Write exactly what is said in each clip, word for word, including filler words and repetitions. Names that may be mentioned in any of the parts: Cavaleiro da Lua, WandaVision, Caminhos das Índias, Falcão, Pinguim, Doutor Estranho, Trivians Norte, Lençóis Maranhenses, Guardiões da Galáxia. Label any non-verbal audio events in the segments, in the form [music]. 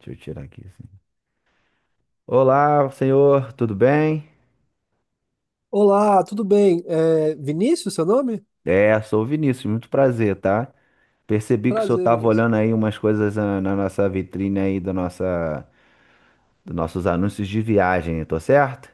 Deixa eu tirar aqui, assim. Olá, senhor, tudo bem? Olá, tudo bem? É Vinícius, seu nome? É, sou o Vinícius, muito prazer, tá? Percebi que o senhor Prazer, estava Vinícius. olhando aí umas coisas ah, na, nossa vitrine aí da nossa, dos nossos anúncios de viagem, tô certo?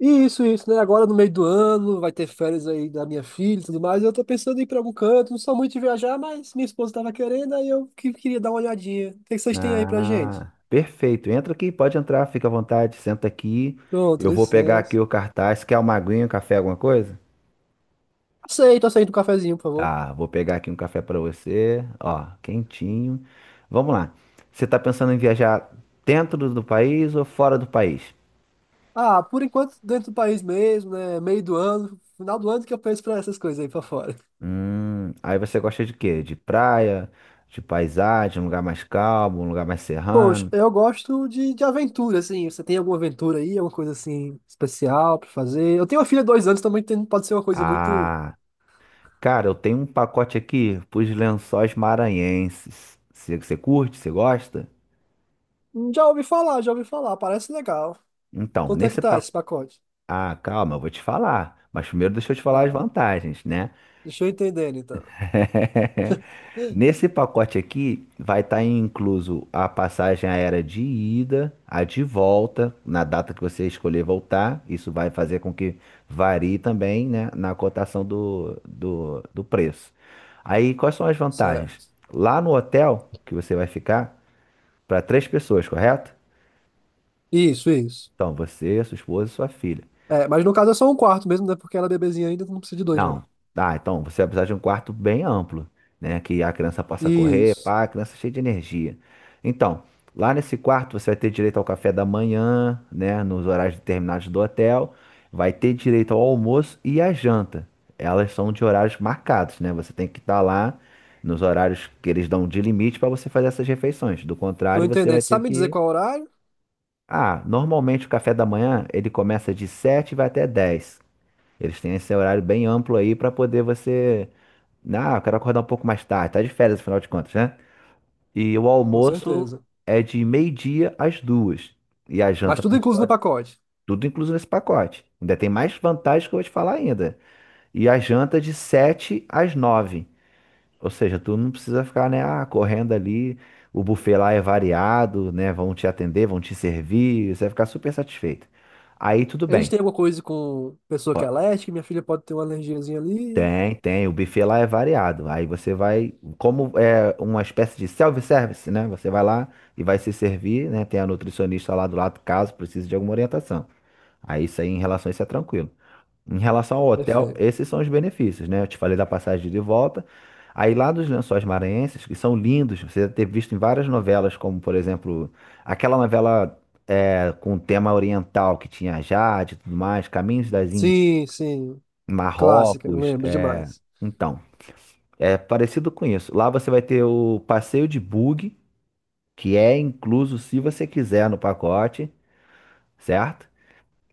E Isso, isso, né? Agora no meio do ano, vai ter férias aí da minha filha e tudo mais. Eu tô pensando em ir pra algum canto, não sou muito de viajar, mas minha esposa tava querendo, aí eu que- queria dar uma olhadinha. O que que vocês têm aí pra gente? Ah, perfeito. Entra aqui, pode entrar, fica à vontade, senta aqui. Pronto, Eu vou pegar licença. aqui o cartaz. Quer uma aguinha, um café, alguma coisa? Aceito, aceito um cafezinho, por favor. Tá, vou pegar aqui um café pra você, ó, quentinho. Vamos lá. Você tá pensando em viajar dentro do país ou fora do país? Ah, por enquanto dentro do país mesmo, né? Meio do ano, final do ano que eu penso pra essas coisas aí pra fora. Hum, aí você gosta de quê? De praia, de paisagem, um lugar mais calmo, um lugar mais Poxa, serrano? eu gosto de, de aventura, assim. Você tem alguma aventura aí, alguma coisa assim especial pra fazer? Eu tenho uma filha de dois anos também, tem- pode ser uma coisa muito. Ah, cara, eu tenho um pacote aqui pros Lençóis Maranhenses. Você, você curte? Você gosta? Hum, Já ouvi falar, já ouvi falar, parece legal. Então, Quanto é que nesse tá pacote. esse pacote? Ah, calma, eu vou te falar. Mas primeiro deixa eu te falar as Ah, vantagens, né? deixa eu entender então. [laughs] [gasps] Nesse pacote aqui vai estar incluso a passagem aérea de ida, a de volta, na data que você escolher voltar. Isso vai fazer com que varie também, né, na cotação do, do, do preço. Aí, quais são as vantagens? Certo. Lá no hotel que você vai ficar, para três pessoas, correto? Isso, isso. Então, você, sua esposa e sua filha. É, mas no caso é só um quarto mesmo, né? Porque ela é bebezinha ainda, não precisa de dois, não. Não. Ah, então você vai precisar de um quarto bem amplo, né? Que a criança possa correr, Isso. pá, a criança cheia de energia. Então, lá nesse quarto você vai ter direito ao café da manhã, né? Nos horários determinados do hotel. Vai ter direito ao almoço e à janta. Elas são de horários marcados, né? Você tem que estar lá nos horários que eles dão de limite para você fazer essas refeições. Do Tô contrário, você entendendo. vai ter Sabe me dizer que. qual é o horário? Ah, normalmente o café da manhã ele começa de sete e vai até dez. Eles têm esse horário bem amplo aí pra poder você. Ah, eu quero acordar um pouco mais tarde. Tá de férias, afinal de contas, né? E o Com almoço certeza. é de meio-dia às duas. E a Mas janta, tudo por incluso sua no vez, pacote. tudo incluso nesse pacote. Ainda tem mais vantagens que eu vou te falar ainda. E a janta é de sete às nove. Ou seja, tu não precisa ficar, né, ah, correndo ali. O buffet lá é variado, né? Vão te atender, vão te servir. Você vai ficar super satisfeito. Aí tudo Eles bem. têm alguma coisa com pessoa que é alérgica, minha filha pode ter uma alergiazinha ali. Tem, tem. O buffet lá é variado. Aí você vai, como é uma espécie de self-service, né? Você vai lá e vai se servir, né? Tem a nutricionista lá do lado, caso precise de alguma orientação. Aí isso aí, em relação a isso, é tranquilo. Em relação ao hotel, Perfeito. esses são os benefícios, né? Eu te falei da passagem de volta. Aí lá dos Lençóis Maranhenses, que são lindos, você deve ter visto em várias novelas, como por exemplo, aquela novela é, com tema oriental que tinha Jade e tudo mais, Caminhos das Índias, Sim, sim. Clássica, eu Marrocos, lembro é, demais. então. É parecido com isso. Lá você vai ter o passeio de bug, que é incluso se você quiser no pacote, certo?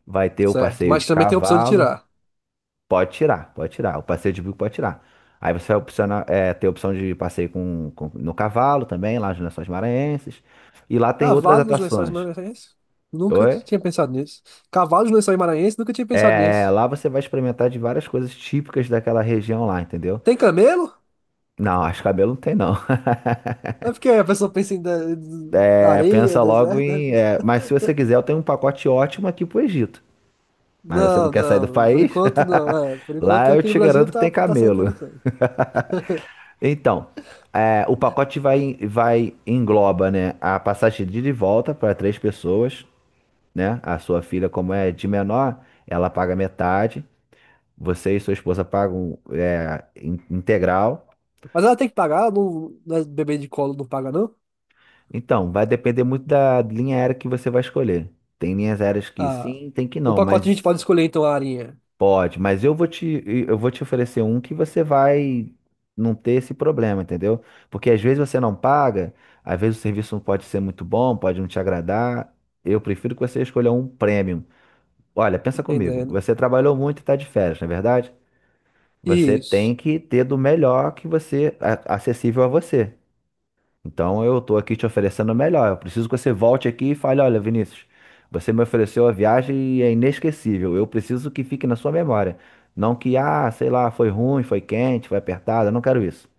Vai ter o Certo. passeio Mas de também tem a opção de cavalo. tirar. Pode tirar, pode tirar. O passeio de bug pode tirar. Aí você vai opcionar, é, ter a opção de passeio com, com- no cavalo também, lá nas Lençóis Maranhenses. E lá tem outras Cavalo nos Lençóis atrações. Maranhenses? Nunca t- Oi? tinha pensado nisso. Cavalo nos Lençóis Maranhenses? Nunca tinha pensado É, nisso. lá você vai experimentar de várias coisas típicas daquela região lá, entendeu? Tem camelo? Não, acho que cabelo não tem não. [laughs] É porque a pessoa pensa em de- de- É, areia, pensa logo deserto, né? em. É, mas se você quiser, eu tenho um pacote ótimo aqui pro Egito. Mas você não Não, quer sair do não. Por país? enquanto, não. É, por [laughs] enquanto Lá eu aqui no te Brasil garanto que tá, tem tá sendo camelo. interessante. Então, é, o pacote vai, vai engloba, né, a passagem de ida e volta para três pessoas, né? A sua filha, como é de menor, ela paga metade. Você e sua esposa pagam é, in- integral. Mas ela tem que pagar? Não, não é bebê de colo não paga, não? Então, vai depender muito da linha aérea que você vai escolher. Tem linhas aéreas que Ah, sim, tem que o não, pacote a gente mas pode escolher então a arinha. pode, mas eu vou te, eu vou te oferecer um que você vai não ter esse problema, entendeu? Porque às vezes você não paga, às vezes o serviço não pode ser muito bom, pode não te agradar. Eu prefiro que você escolha um premium. Olha, pensa comigo, Entendendo. você trabalhou muito e está de férias, não é verdade? Você tem Isso. que ter do melhor que você, a- acessível a você. Então eu tô aqui te oferecendo o melhor. Eu preciso que você volte aqui e fale: olha, Vinícius, você me ofereceu a viagem e é inesquecível. Eu preciso que fique na sua memória. Não que, ah, sei lá, foi ruim, foi quente, foi apertado. Eu não quero isso.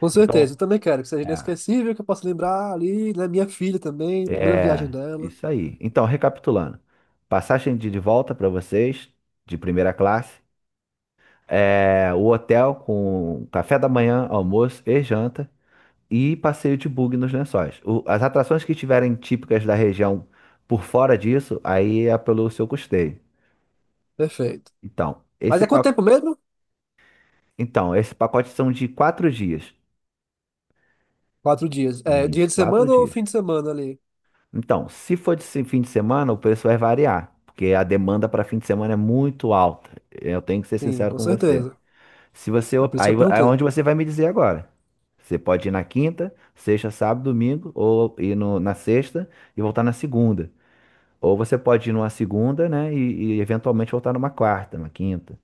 Com certeza. Então, Eu também quero que seja é, inesquecível, que eu possa lembrar ali, né? Minha filha também, primeira viagem é dela. isso aí. Então, recapitulando: passagem de de volta para vocês, de primeira classe. É, o hotel com café da manhã, almoço e janta. E passeio de bug nos lençóis. O- as atrações que estiverem típicas da região por fora disso, aí é pelo seu custeio. Perfeito. Então, Mas esse é quanto pa- tempo mesmo? então, esse pacote são de quatro dias. Quatro dias. É dia Isso, de quatro semana ou dias. fim de semana ali? Então, se for de se- fim de semana, o preço vai variar, porque a demanda para fim de semana é muito alta. Eu tenho que ser Sim, sincero com com você. certeza. Se você, É op- por isso que Aí eu é perguntei. onde você vai me dizer agora. Você pode ir na quinta, sexta, sábado, domingo, ou ir no- na sexta e voltar na segunda. Ou você pode ir numa segunda, né? E, e eventualmente voltar numa quarta, numa quinta.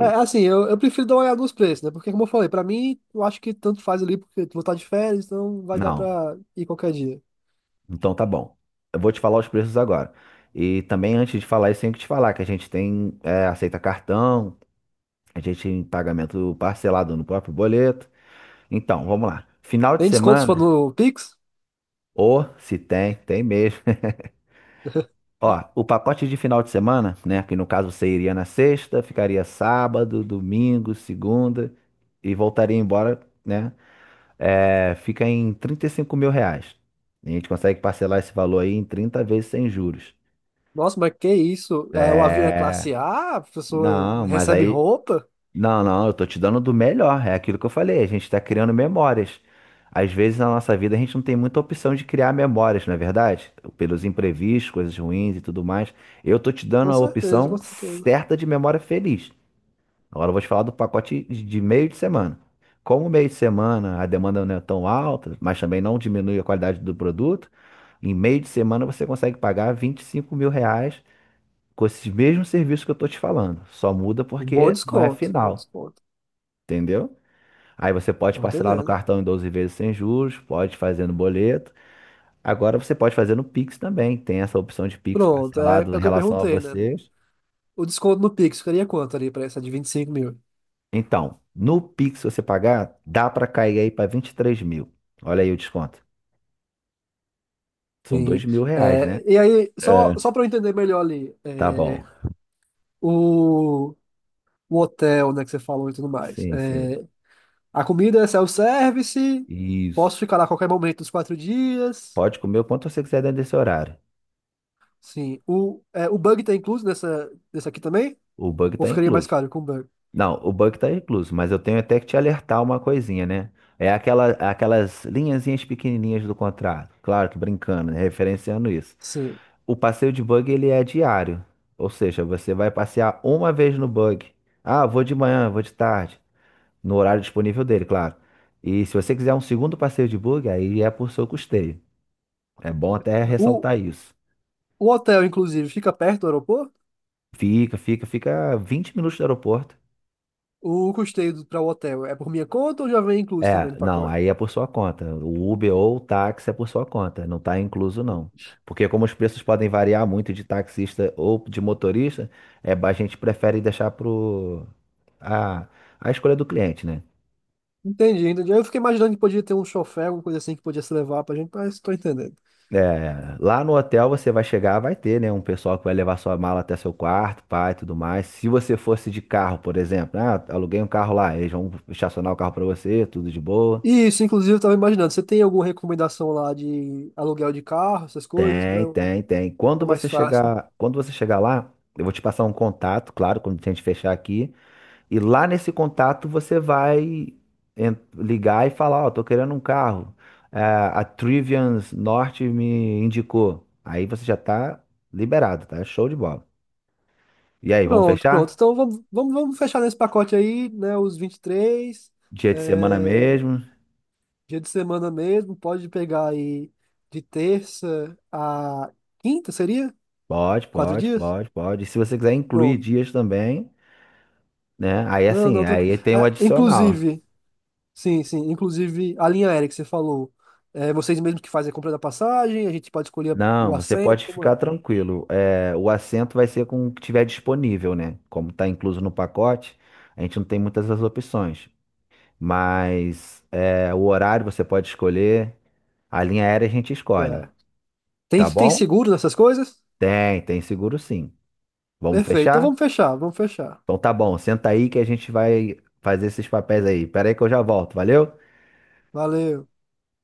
É, assim, eu, eu prefiro dar uma olhada nos preços, né? Porque, como eu falei, pra mim, eu acho que tanto faz ali, porque tu vou estar de férias, então vai dar não. pra ir qualquer dia. Então tá bom. Eu vou te falar os preços agora. E também, antes de falar isso, tenho que te falar que a gente tem, é, aceita cartão, a gente tem pagamento parcelado no próprio boleto. Então, vamos lá. Final de Tem desconto se for semana, no Pix? ou se tem, tem mesmo. [laughs] Ó, [laughs] o pacote de final de semana, né? Que no caso você iria na sexta, ficaria sábado, domingo, segunda e voltaria embora, né? É, fica em trinta e cinco mil reais. A gente consegue parcelar esse valor aí em trinta vezes sem juros. Nossa, mas que isso? É, o avião é É, classe A, a pessoa não, mas recebe aí. roupa? Não, não, eu tô te dando do melhor. É aquilo que eu falei, a gente tá criando memórias. Às vezes na nossa vida a gente não tem muita opção de criar memórias, não é verdade? Pelos imprevistos, coisas ruins e tudo mais. Eu tô te Com dando a certeza, com opção certeza. certa de memória feliz. Agora eu vou te falar do pacote de meio de semana. Como o meio de semana a demanda não é tão alta, mas também não diminui a qualidade do produto, em meio de semana você consegue pagar vinte e cinco mil reais com esses mesmos serviços que eu tô te falando. Só muda Um bom porque não é desconto, bom final, desconto. entendeu? Aí você pode Tô parcelar no entendendo. cartão em doze vezes sem juros, pode fazer no boleto. Agora você pode fazer no Pix também. Tem essa opção de Pix Pronto, é, parcelado é em o que eu relação a perguntei, né? vocês. O desconto no Pix ficaria quanto ali pra essa de vinte e cinco mil? Então, no Pix, se você pagar, dá pra cair aí pra vinte e três mil. Olha aí o desconto. São Sim. dois mil reais, né? É, e aí, É. só, só para eu entender melhor ali, Tá é, bom. o. o hotel, né, que você falou e tudo mais. Sim, sim. É, a comida é self-service, posso Isso. ficar lá a qualquer momento nos quatro dias. Pode comer o quanto você quiser dentro desse horário. Sim, o, é, o bug tá incluso nessa, nessa aqui também? O bug Ou tá ficaria mais incluso. caro com o bug? Não, o bug tá incluso, mas eu tenho até que te alertar uma coisinha, né? É aquela, aquelas linhazinhas pequenininhas do contrato. Claro que brincando, né? Referenciando isso. Sim. O passeio de bug, ele é diário. Ou seja, você vai passear uma vez no bug. Ah, vou de manhã, vou de tarde. No horário disponível dele, claro. E se você quiser um segundo passeio de bug, aí é por seu custeio. É bom até O, ressaltar isso. o hotel, inclusive, fica perto do aeroporto? Fica, fica, fica vinte minutos do aeroporto. O custeio para o hotel é por minha conta ou já vem incluso também É, no não, pacote? aí é por sua conta. O Uber ou o táxi é por sua conta, não está incluso não. Porque como os preços podem variar muito de taxista ou de motorista, é, a gente prefere deixar pro a, a escolha do cliente, né? Entendi, entendi. Eu fiquei imaginando que podia ter um chofé, alguma coisa assim que podia se levar pra gente, mas tô entendendo. É, lá no hotel você vai chegar, vai ter, né, um pessoal que vai levar sua mala até seu quarto, pai, tudo mais. Se você fosse de carro, por exemplo, ah, aluguei um carro lá, eles vão estacionar o carro pra você, tudo de boa. Isso, inclusive, eu tava imaginando. Você tem alguma recomendação lá de aluguel de carro, essas coisas, para Tem, tem, tem. Fica Quando mais você fácil, né? chegar, quando você chegar lá, eu vou te passar um contato, claro, quando a gente fechar aqui, e lá nesse contato você vai en- ligar e falar, ó, tô querendo um carro. É, a Trivians Norte me indicou. Aí você já tá liberado, tá? Show de bola. E aí, vamos Pronto, pronto. fechar? Então vamos, vamos, vamos fechar nesse pacote aí, né? Os vinte e três, Dia de semana é, mesmo? dia de semana mesmo, pode pegar aí de terça a quinta, seria? Pode, Quatro pode, dias? pode, pode. E se você quiser incluir Pronto. dias também, né? Aí Não, assim, não, tranquilo. aí tem o Ah, adicional. inclusive, sim, sim, inclusive a linha aérea que você falou, é, vocês mesmos que fazem a compra da passagem, a gente pode escolher o Não, você assento, pode como é? ficar tranquilo. É, o assento vai ser com o que tiver disponível, né? Como está incluso no pacote, a gente não tem muitas as opções. Mas é, o horário você pode escolher, a linha aérea a gente escolhe, É. Tem, tá tem bom? seguro nessas coisas? Tem, tem seguro sim. Vamos Perfeito. Então vamos fechar? fechar, vamos fechar. Então tá bom, senta aí que a gente vai fazer esses papéis aí. Pera aí que eu já volto, valeu? Valeu.